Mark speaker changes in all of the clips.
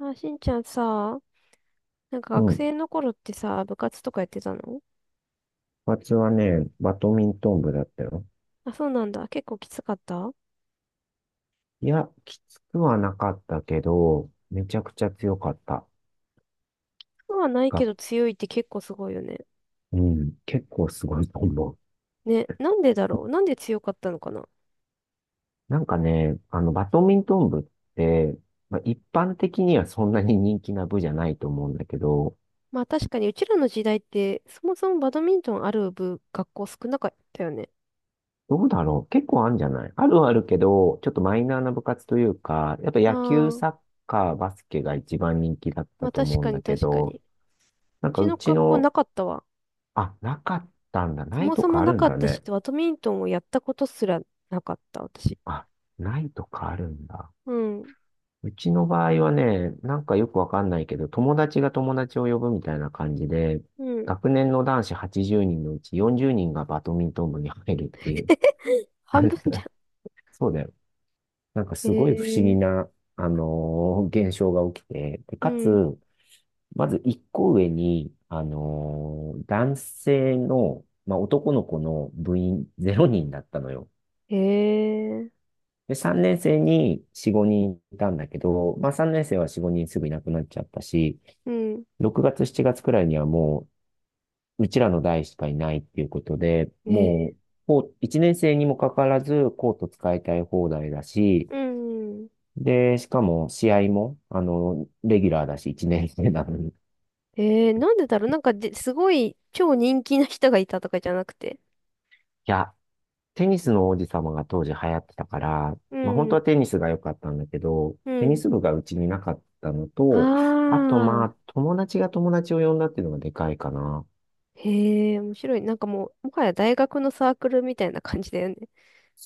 Speaker 1: あ、しんちゃんさ、なんか
Speaker 2: う
Speaker 1: 学
Speaker 2: ん。部
Speaker 1: 生の頃ってさ、部活とかやってたの？
Speaker 2: 活はね、バドミントン部だったよ。
Speaker 1: あ、そうなんだ。結構きつかった？
Speaker 2: いや、きつくはなかったけど、めちゃくちゃ強かった。
Speaker 1: そうはないけ
Speaker 2: が、
Speaker 1: ど強いって結構すごいよね。
Speaker 2: うん、結構すごいと思う。
Speaker 1: ね、なんでだろう、なんで強かったのかな？
Speaker 2: なんかね、バドミントン部って、まあ、一般的にはそんなに人気な部じゃないと思うんだけど、
Speaker 1: まあ確かにうちらの時代って、そもそもバドミントンある部、学校少なかったよね。
Speaker 2: どうだろう、結構あるんじゃない、あるはあるけど、ちょっとマイナーな部活というか、やっぱ
Speaker 1: あ
Speaker 2: 野球、サッ
Speaker 1: あ、
Speaker 2: カー、バスケが一番人気だっ
Speaker 1: ま
Speaker 2: た
Speaker 1: あ
Speaker 2: と
Speaker 1: 確
Speaker 2: 思う
Speaker 1: か
Speaker 2: んだ
Speaker 1: に
Speaker 2: け
Speaker 1: 確かに。
Speaker 2: ど、
Speaker 1: う
Speaker 2: なんか
Speaker 1: ち
Speaker 2: う
Speaker 1: の
Speaker 2: ち
Speaker 1: 学校な
Speaker 2: の、
Speaker 1: かったわ。
Speaker 2: あ、なかったんだ。
Speaker 1: そ
Speaker 2: ない
Speaker 1: も
Speaker 2: と
Speaker 1: そ
Speaker 2: か
Speaker 1: も
Speaker 2: あ
Speaker 1: な
Speaker 2: るん
Speaker 1: かっ
Speaker 2: だ
Speaker 1: たし、
Speaker 2: ね。
Speaker 1: バドミントンをやったことすらなかった、私。
Speaker 2: あ、ないとかあるんだ。
Speaker 1: うん。
Speaker 2: うちの場合はね、なんかよくわかんないけど、友達が友達を呼ぶみたいな感じで、
Speaker 1: うん。
Speaker 2: 学年の男子80人のうち40人がバドミントン部に入るっていう。
Speaker 1: 半分じゃ
Speaker 2: そうだよ。なんか
Speaker 1: ん。へ
Speaker 2: すごい不思議
Speaker 1: え。
Speaker 2: な、現象が起きて、で、
Speaker 1: う
Speaker 2: か
Speaker 1: ん。
Speaker 2: つ、まず一個上に、男性の、まあ、男の子の部員0人だったのよ。
Speaker 1: へえ。
Speaker 2: で、3年生に4、5人いたんだけど、まあ3年生は4、5人すぐいなくなっちゃったし、
Speaker 1: うん。
Speaker 2: 6月、7月くらいにはもう、うちらの代しかいないっていうことで、
Speaker 1: ね。
Speaker 2: もう、こう1年生にもかかわらず、コート使いたい放題だし、
Speaker 1: うん。
Speaker 2: で、しかも試合も、レギュラーだし、1年生なのに。い
Speaker 1: なんでだろう、なんかで、すごい超人気な人がいたとかじゃなくて。
Speaker 2: や、テニスの王子様が当時流行ってたから、
Speaker 1: う
Speaker 2: まあ本当
Speaker 1: ん。
Speaker 2: はテニスが良かったんだけど、
Speaker 1: う
Speaker 2: テニ
Speaker 1: ん。
Speaker 2: ス部がうちになかったの
Speaker 1: あ
Speaker 2: と、あとま
Speaker 1: あ。
Speaker 2: あ友達が友達を呼んだっていうのがでかいかな。
Speaker 1: へえ、面白い。なんかもう、もはや大学のサークルみたいな感じだよね。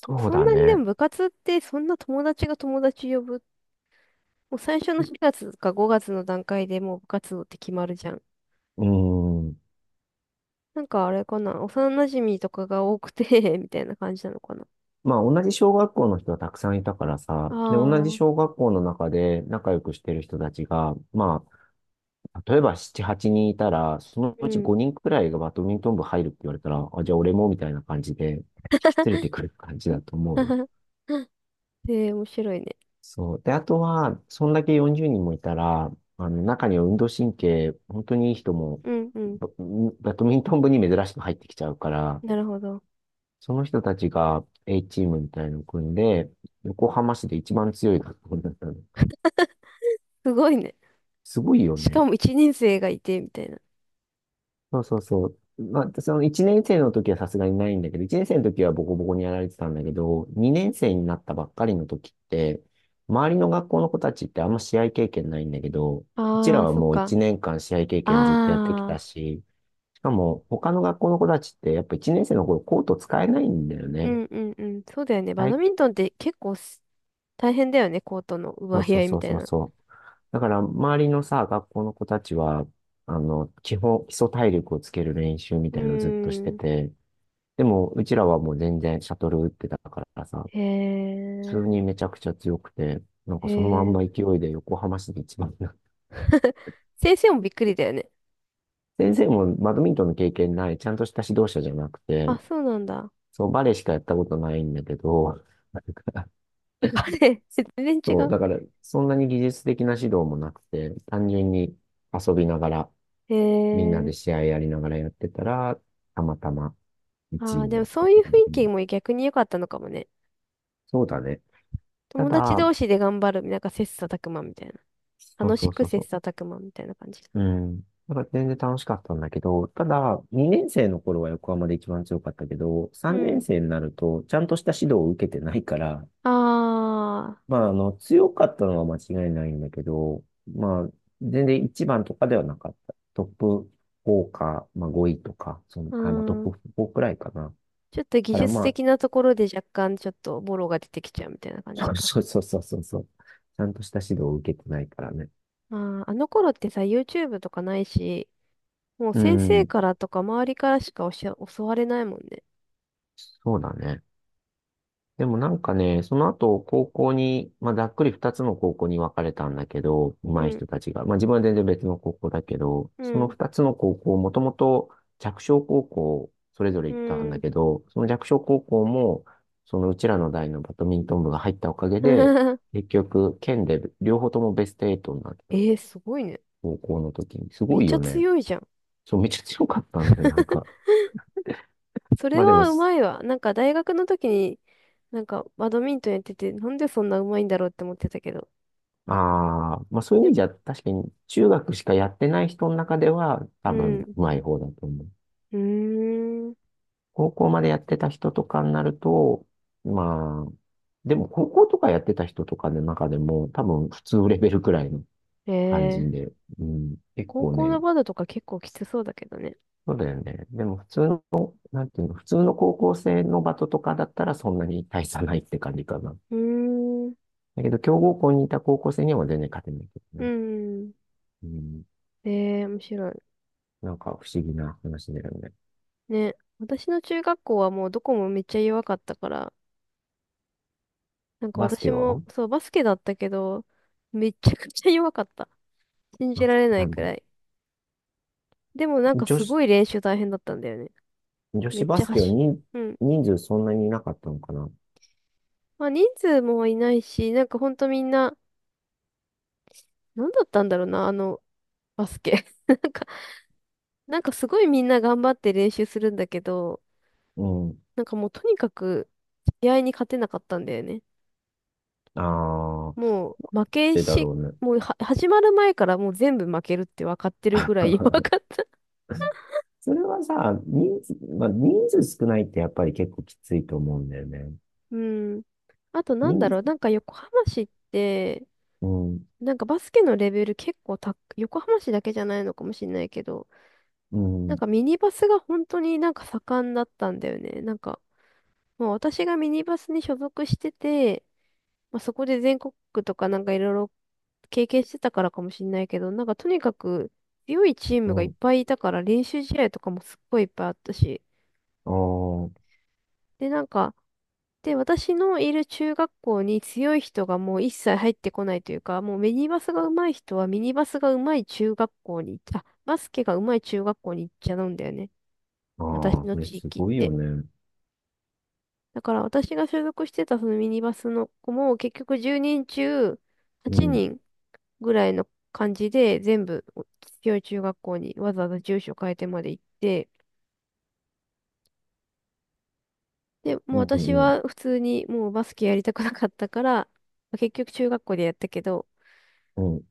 Speaker 1: と
Speaker 2: う
Speaker 1: そん
Speaker 2: だ
Speaker 1: なにで
Speaker 2: ね。
Speaker 1: も部活ってそんな友達が友達呼ぶ。もう最初の4月か5月の段階でもう部活動って決まるじゃん。
Speaker 2: うーん。
Speaker 1: なんかあれかな。幼馴染とかが多くて みたいな感じなのかな。
Speaker 2: まあ同じ小学校の人はたくさんいたからさ、
Speaker 1: あ
Speaker 2: で、同じ小
Speaker 1: あ。
Speaker 2: 学校の中で仲良くしてる人たちが、まあ、例えば7、8人いたら、その
Speaker 1: う
Speaker 2: うち
Speaker 1: ん。
Speaker 2: 5人くらいがバドミントン部入るって言われたら、あ、じゃあ俺もみたいな感じで引き連れてくる感じ だと思うよ。
Speaker 1: えー、面白いね。
Speaker 2: そう。で、あとは、そんだけ40人もいたら、中には運動神経、本当にいい人も、
Speaker 1: うんうん。
Speaker 2: バ、バドミントン部に珍しく入ってきちゃうから、
Speaker 1: なるほど。
Speaker 2: その人たちが A チームみたいのを組んで、横浜市で一番強い学校になったの。
Speaker 1: すごいね。
Speaker 2: すごいよ
Speaker 1: しか
Speaker 2: ね。
Speaker 1: も一年生がいて、みたいな。
Speaker 2: そうそうそう。まあ、その1年生の時はさすがにないんだけど、1年生の時はボコボコにやられてたんだけど、2年生になったばっかりの時って、周りの学校の子たちってあんま試合経験ないんだけど、うち
Speaker 1: あ
Speaker 2: ら
Speaker 1: あ、
Speaker 2: は
Speaker 1: そっ
Speaker 2: もう
Speaker 1: か。
Speaker 2: 1年間試合経験ずっとやってきた
Speaker 1: ああ。
Speaker 2: し、しかも他の学校の子たちってやっぱ1年生の頃コート使えないんだよ
Speaker 1: う
Speaker 2: ね。
Speaker 1: んうんうん。そうだよね。バ
Speaker 2: は
Speaker 1: ド
Speaker 2: い。
Speaker 1: ミントンって結構大変だよね。コートの
Speaker 2: そう
Speaker 1: 奪い
Speaker 2: そう
Speaker 1: 合い
Speaker 2: そ
Speaker 1: み
Speaker 2: う
Speaker 1: た
Speaker 2: そ
Speaker 1: い
Speaker 2: う
Speaker 1: な。う
Speaker 2: そう。だから周りのさ、学校の子たちは、基本、基礎体力をつける練習み
Speaker 1: ー
Speaker 2: たいなのをずっとして
Speaker 1: ん。
Speaker 2: て、でも、うちらはもう全然シャトル打ってたからさ、
Speaker 1: へ
Speaker 2: 普通に
Speaker 1: え。
Speaker 2: めちゃくちゃ強くて、なんか
Speaker 1: へ
Speaker 2: そのまん
Speaker 1: え。
Speaker 2: ま勢いで横浜市で一番になって、
Speaker 1: 先生もびっくりだよね。
Speaker 2: 先生もバドミントンの経験ない、ちゃんとした指導者じゃなくて、
Speaker 1: あ、そうなんだ。
Speaker 2: そう、バレーしかやったことないんだけど、なんか
Speaker 1: あれ、全然違
Speaker 2: そう、
Speaker 1: う。
Speaker 2: だから、そんなに技術的な指導もなくて、単純に遊びながら、
Speaker 1: へ
Speaker 2: みんなで
Speaker 1: え。
Speaker 2: 試合やりながらやってたら、たまたま
Speaker 1: あ
Speaker 2: 1位
Speaker 1: あ、
Speaker 2: に
Speaker 1: でも
Speaker 2: なっ
Speaker 1: そ
Speaker 2: たっ
Speaker 1: うい
Speaker 2: て
Speaker 1: う雰
Speaker 2: こと
Speaker 1: 囲
Speaker 2: でね。
Speaker 1: 気も逆に良かったのかもね。
Speaker 2: そうだね。た
Speaker 1: 友達
Speaker 2: だ、
Speaker 1: 同士で頑張る、なんか切磋琢磨みたいな。
Speaker 2: そう
Speaker 1: 楽し
Speaker 2: そう
Speaker 1: く
Speaker 2: そうそ
Speaker 1: 切
Speaker 2: う。
Speaker 1: 磋琢磨みたいな感じ。
Speaker 2: うん。だから全然楽しかったんだけど、ただ、2年生の頃は横浜で一番強かったけど、
Speaker 1: う
Speaker 2: 3年
Speaker 1: ん。
Speaker 2: 生になると、ちゃんとした指導を受けてないから、
Speaker 1: あ
Speaker 2: まあ、強かったのは間違いないんだけど、まあ、全然一番とかではなかった。トップ4か、まあ5位とか、その、
Speaker 1: あ、う
Speaker 2: あ、まあトップ
Speaker 1: ん。
Speaker 2: 4くらいかな。だ
Speaker 1: ちょっと技
Speaker 2: から
Speaker 1: 術
Speaker 2: まあ、
Speaker 1: 的なところで若干ちょっとボロが出てきちゃうみたいな 感じ
Speaker 2: そう
Speaker 1: か。
Speaker 2: そうそうそうそう。ちゃんとした指導を受けてないからね。
Speaker 1: まああ、あの頃ってさ、YouTube とかないし、もう
Speaker 2: う
Speaker 1: 先生
Speaker 2: ん、
Speaker 1: からとか周りからしか教われないもんね。
Speaker 2: そうだね。でもなんかね、その後、高校に、まあ、ざっくり二つの高校に分かれたんだけど、
Speaker 1: う
Speaker 2: 上手い
Speaker 1: ん、
Speaker 2: 人たちが。まあ、自分は全然別の高校だけど、
Speaker 1: う
Speaker 2: その
Speaker 1: ん、
Speaker 2: 二つの高校、もともと弱小高校、それぞれ
Speaker 1: う
Speaker 2: 行ったんだ
Speaker 1: ん。
Speaker 2: けど、その弱小高校も、そのうちらの代のバドミントン部が入ったおかげで、結局、県で両方ともベスト8になって
Speaker 1: え
Speaker 2: た。
Speaker 1: ー、すごいね。
Speaker 2: 高校の時に。す
Speaker 1: め
Speaker 2: ご
Speaker 1: っ
Speaker 2: い
Speaker 1: ちゃ
Speaker 2: よね。
Speaker 1: 強いじゃん。
Speaker 2: そう、めちゃ強かったんだよ、なんか。
Speaker 1: それ
Speaker 2: まあでも、
Speaker 1: はうまいわ。なんか大学の時に、なんかバドミントンやってて、なんでそんなうまいんだろうって思ってたけど。
Speaker 2: ああ、まあそういう
Speaker 1: や
Speaker 2: 意
Speaker 1: っ
Speaker 2: 味
Speaker 1: ぱ、
Speaker 2: じゃ確かに中学しかやってない人の中では
Speaker 1: う
Speaker 2: 多分
Speaker 1: ん。う
Speaker 2: うまい方だと思う。
Speaker 1: ーん。
Speaker 2: 高校までやってた人とかになると、まあ、でも高校とかやってた人とかの中でも多分普通レベルくらいの
Speaker 1: え
Speaker 2: 感じ
Speaker 1: ー
Speaker 2: で、うん、結
Speaker 1: 高
Speaker 2: 構
Speaker 1: 校
Speaker 2: ね、
Speaker 1: のバドとか結構きつそうだけどね。
Speaker 2: そうだよね。でも普通の、なんていうの、普通の高校生のバトとかだったらそんなに大差ないって感じかな。
Speaker 1: うーん。
Speaker 2: だけど強豪校にいた高校生には全然勝てないけど
Speaker 1: う
Speaker 2: ね。
Speaker 1: ん。
Speaker 2: うん、
Speaker 1: ええ、面白い。
Speaker 2: なんか不思議な話だよね。
Speaker 1: ね。私の中学校はもうどこもめっちゃ弱かったから、なんか
Speaker 2: バス
Speaker 1: 私
Speaker 2: ケ
Speaker 1: も、
Speaker 2: は、
Speaker 1: そう、バスケだったけど、めちゃくちゃ弱かった。信じ
Speaker 2: あ、
Speaker 1: ら
Speaker 2: そ
Speaker 1: れな
Speaker 2: う
Speaker 1: い
Speaker 2: なん
Speaker 1: く
Speaker 2: だ。
Speaker 1: らい。でもなんか
Speaker 2: 女
Speaker 1: す
Speaker 2: 子、
Speaker 1: ごい練習大変だったんだよね。
Speaker 2: 女
Speaker 1: め
Speaker 2: 子
Speaker 1: っ
Speaker 2: バ
Speaker 1: ちゃ
Speaker 2: スケは
Speaker 1: 走、
Speaker 2: 人、
Speaker 1: うん。
Speaker 2: 人数そんなにいなかったのかな。
Speaker 1: まあ人数もいないし、なんかほんとみんな、なんだったんだろうな、バスケ。なんかすごいみんな頑張って練習するんだけど、
Speaker 2: うん。
Speaker 1: なんかもうとにかく、試合に勝てなかったんだよね。
Speaker 2: ああ、
Speaker 1: もう、負け
Speaker 2: でだ
Speaker 1: し、
Speaker 2: ろうね。
Speaker 1: もうは、始まる前からもう全部負けるって分かってるぐらい 弱 かった。
Speaker 2: それはさ、人数、まあ、人数少ないってやっぱり結構きついと思うんだよね。
Speaker 1: うん。あとなんだ
Speaker 2: 人、
Speaker 1: ろう、なんか横浜市って、
Speaker 2: うん、
Speaker 1: なんかバスケのレベル結構た、横浜市だけじゃないのかもしれないけど、
Speaker 2: う
Speaker 1: なん
Speaker 2: ん、
Speaker 1: かミニバスが本当になんか盛んだったんだよね。なんか、もう私がミニバスに所属してて、まあ、そこで全国区とかなんかいろいろ経験してたからかもしれないけど、なんかとにかく強いチー
Speaker 2: う
Speaker 1: ムがいっ
Speaker 2: ん。
Speaker 1: ぱいいたから練習試合とかもすっごいいっぱいあったし。
Speaker 2: あ
Speaker 1: で、なんか、で、私のいる中学校に強い人がもう一切入ってこないというか、もうミニバスが上手い人はミニバスが上手い中学校に行っあ、バスケが上手い中学校に行っちゃうんだよね。
Speaker 2: あ、あ
Speaker 1: 私
Speaker 2: あ、
Speaker 1: の
Speaker 2: それ
Speaker 1: 地
Speaker 2: す
Speaker 1: 域っ
Speaker 2: ごいよ
Speaker 1: て。
Speaker 2: ね。
Speaker 1: だから私が所属してたそのミニバスの子も結局10人中
Speaker 2: う
Speaker 1: 8
Speaker 2: ん、
Speaker 1: 人ぐらいの感じで、全部強い中学校にわざわざ住所変えてまで行って、で、も
Speaker 2: う
Speaker 1: う私
Speaker 2: ん、う
Speaker 1: は
Speaker 2: ん、
Speaker 1: 普通にもうバスケやりたくなかったから、結局中学校でやったけど、
Speaker 2: うん。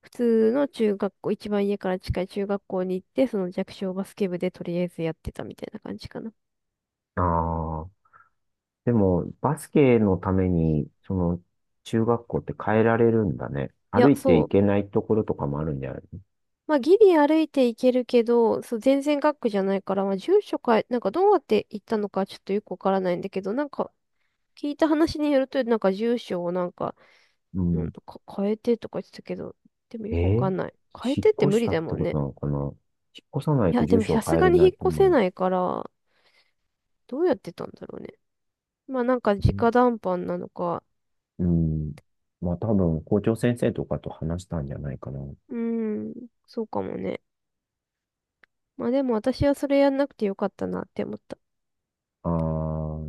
Speaker 1: 普通の中学校、一番家から近い中学校に行って、その弱小バスケ部でとりあえずやってたみたいな感じかな。
Speaker 2: ああ、でも、バスケのために、その、中学校って変えられるんだね。
Speaker 1: いや、
Speaker 2: 歩いて
Speaker 1: そ
Speaker 2: い
Speaker 1: う。
Speaker 2: けないところとかもあるんじゃない？
Speaker 1: まあ、ギリ歩いていけるけど、そう、全然学区じゃないから、まあ、住所変え、なんかどうやって行ったのかちょっとよくわからないんだけど、なんか聞いた話によると、なんか住所をなんか、
Speaker 2: う
Speaker 1: うん、
Speaker 2: ん。
Speaker 1: 変えてとか言ってたけど、でも
Speaker 2: え
Speaker 1: よくわか
Speaker 2: ー、
Speaker 1: んない。変え
Speaker 2: 引
Speaker 1: てって
Speaker 2: っ越
Speaker 1: 無
Speaker 2: し
Speaker 1: 理
Speaker 2: たっ
Speaker 1: だ
Speaker 2: て
Speaker 1: もん
Speaker 2: こと
Speaker 1: ね。
Speaker 2: なのかな。引っ越さない
Speaker 1: い
Speaker 2: と
Speaker 1: や、で
Speaker 2: 住
Speaker 1: も
Speaker 2: 所
Speaker 1: さ
Speaker 2: を
Speaker 1: す
Speaker 2: 変え
Speaker 1: が
Speaker 2: れ
Speaker 1: に
Speaker 2: な
Speaker 1: 引っ
Speaker 2: いと
Speaker 1: 越
Speaker 2: 思う
Speaker 1: せ
Speaker 2: よ。
Speaker 1: ないから、どうやってたんだろうね。まあなんか
Speaker 2: うん。
Speaker 1: 直談判なのか。
Speaker 2: うん。まあ多分、校長先生とかと話したんじゃないかな。
Speaker 1: うーん、そうかもね。まあでも私はそれやんなくてよかったなって思った。
Speaker 2: あ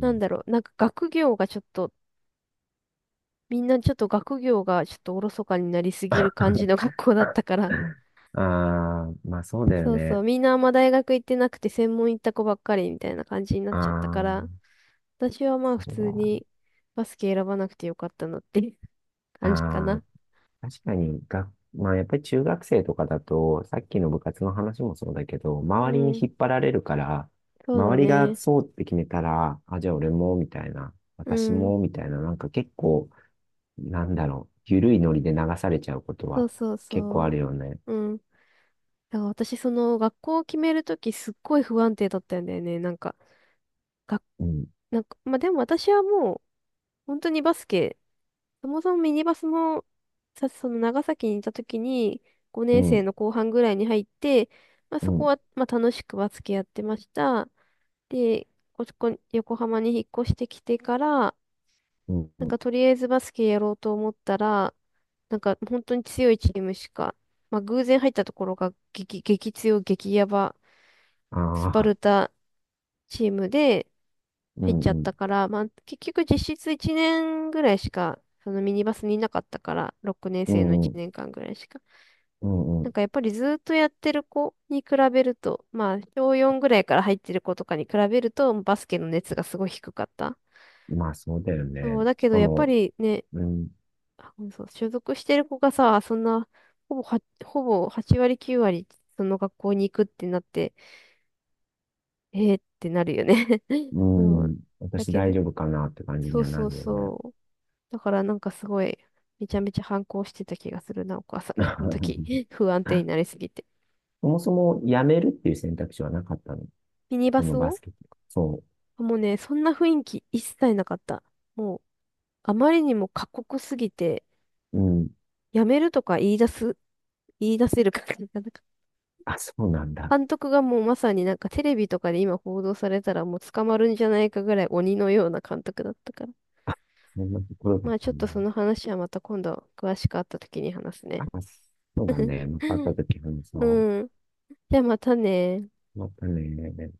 Speaker 1: なんだろう、なんか学業がちょっと、みんなちょっと学業がちょっとおろそかになりすぎる感じの学校だっ たから。
Speaker 2: あー、まあそうだよ
Speaker 1: そうそう、
Speaker 2: ね。
Speaker 1: みんなあんま大学行ってなくて専門行った子ばっかりみたいな感じになっ
Speaker 2: あ
Speaker 1: ちゃったから。
Speaker 2: ー、
Speaker 1: 私はまあ普
Speaker 2: それ
Speaker 1: 通
Speaker 2: は、
Speaker 1: にバスケ選ばなくてよかったのっていう 感じか
Speaker 2: あー、
Speaker 1: な。
Speaker 2: 確かに、まあやっぱり中学生とかだと、さっきの部活の話もそうだけど、
Speaker 1: う
Speaker 2: 周りに
Speaker 1: ん、
Speaker 2: 引っ張られるから、
Speaker 1: そうだ
Speaker 2: 周りが
Speaker 1: ね。
Speaker 2: そうって決めたら、あ、じゃあ俺も、みたいな、
Speaker 1: う
Speaker 2: 私
Speaker 1: ん、
Speaker 2: も、みたいな、なんか結構、なんだろう、緩いノリで流されちゃうこと
Speaker 1: そう
Speaker 2: は
Speaker 1: そう
Speaker 2: 結構ある
Speaker 1: そ
Speaker 2: よね。
Speaker 1: う。うん。だから私その学校を決めるときすっごい不安定だったんだよね。が、
Speaker 2: うん、
Speaker 1: なんか、まあでも私はもう本当にバスケ、そもそもミニバスもさ、その長崎にいたときに
Speaker 2: う
Speaker 1: 5年生
Speaker 2: ん、
Speaker 1: の後半ぐらいに入って、まあ
Speaker 2: う
Speaker 1: そこ
Speaker 2: ん、
Speaker 1: は、まあ楽しくバスケやってました。で、横浜に引っ越してきてから、
Speaker 2: うん、
Speaker 1: なん
Speaker 2: うん。
Speaker 1: かとりあえずバスケやろうと思ったら、なんか本当に強いチームしか、まあ偶然入ったところが激、激強、激ヤバ、スパ
Speaker 2: ああ、
Speaker 1: ルタチームで
Speaker 2: う
Speaker 1: 入っ
Speaker 2: ん、
Speaker 1: ちゃっ
Speaker 2: う
Speaker 1: た
Speaker 2: ん、
Speaker 1: から、まあ結局実質1年ぐらいしか、そのミニバスにいなかったから、6年
Speaker 2: う
Speaker 1: 生の
Speaker 2: ん、
Speaker 1: 1
Speaker 2: うん、
Speaker 1: 年間ぐらいしか。
Speaker 2: うん。
Speaker 1: な
Speaker 2: う
Speaker 1: んかやっぱりずっとやってる子に比べると、まあ小4ぐらいから入ってる子とかに比べると、バスケの熱がすごい低かった。
Speaker 2: ん。まあそうだよ
Speaker 1: そう、
Speaker 2: ね。
Speaker 1: だ
Speaker 2: し
Speaker 1: けど
Speaker 2: か
Speaker 1: やっぱ
Speaker 2: も、
Speaker 1: りね、
Speaker 2: うん、
Speaker 1: あうんそう、所属してる子がさ、そんな、ほぼ8割9割、その学校に行くってなって、えーってなるよね。
Speaker 2: う
Speaker 1: そう。
Speaker 2: ん、
Speaker 1: だ
Speaker 2: 私
Speaker 1: け
Speaker 2: 大
Speaker 1: ど、
Speaker 2: 丈夫かなって感じ
Speaker 1: そ
Speaker 2: に
Speaker 1: う
Speaker 2: はな
Speaker 1: そう
Speaker 2: るよね。
Speaker 1: そう。だからなんかすごい、めちゃめちゃ反抗してた気がするな、お母さんに、その時。不安定に なりすぎて。
Speaker 2: そもそも辞めるっていう選択肢はなかったの？
Speaker 1: ミニバ
Speaker 2: そ
Speaker 1: ス
Speaker 2: のバ
Speaker 1: を？
Speaker 2: スケット。そ
Speaker 1: もうね、そんな雰囲気一切なかった。もう、あまりにも過酷すぎて、
Speaker 2: う。うん。
Speaker 1: やめるとか言い出せるか な。
Speaker 2: あ、そうなんだ。
Speaker 1: 監 督がもうまさになんかテレビとかで今報道されたらもう捕まるんじゃないかぐらい鬼のような監督だったから。
Speaker 2: あ、そんなところだ
Speaker 1: ま
Speaker 2: っ
Speaker 1: あちょ
Speaker 2: た
Speaker 1: っ
Speaker 2: ん
Speaker 1: と
Speaker 2: だ
Speaker 1: そ
Speaker 2: ね。
Speaker 1: の話はまた今度詳しく会った時に話す
Speaker 2: あ、
Speaker 1: ね。
Speaker 2: そうだ ね。また会った時話
Speaker 1: う
Speaker 2: そ
Speaker 1: ん。じゃあまたね。
Speaker 2: う。またね。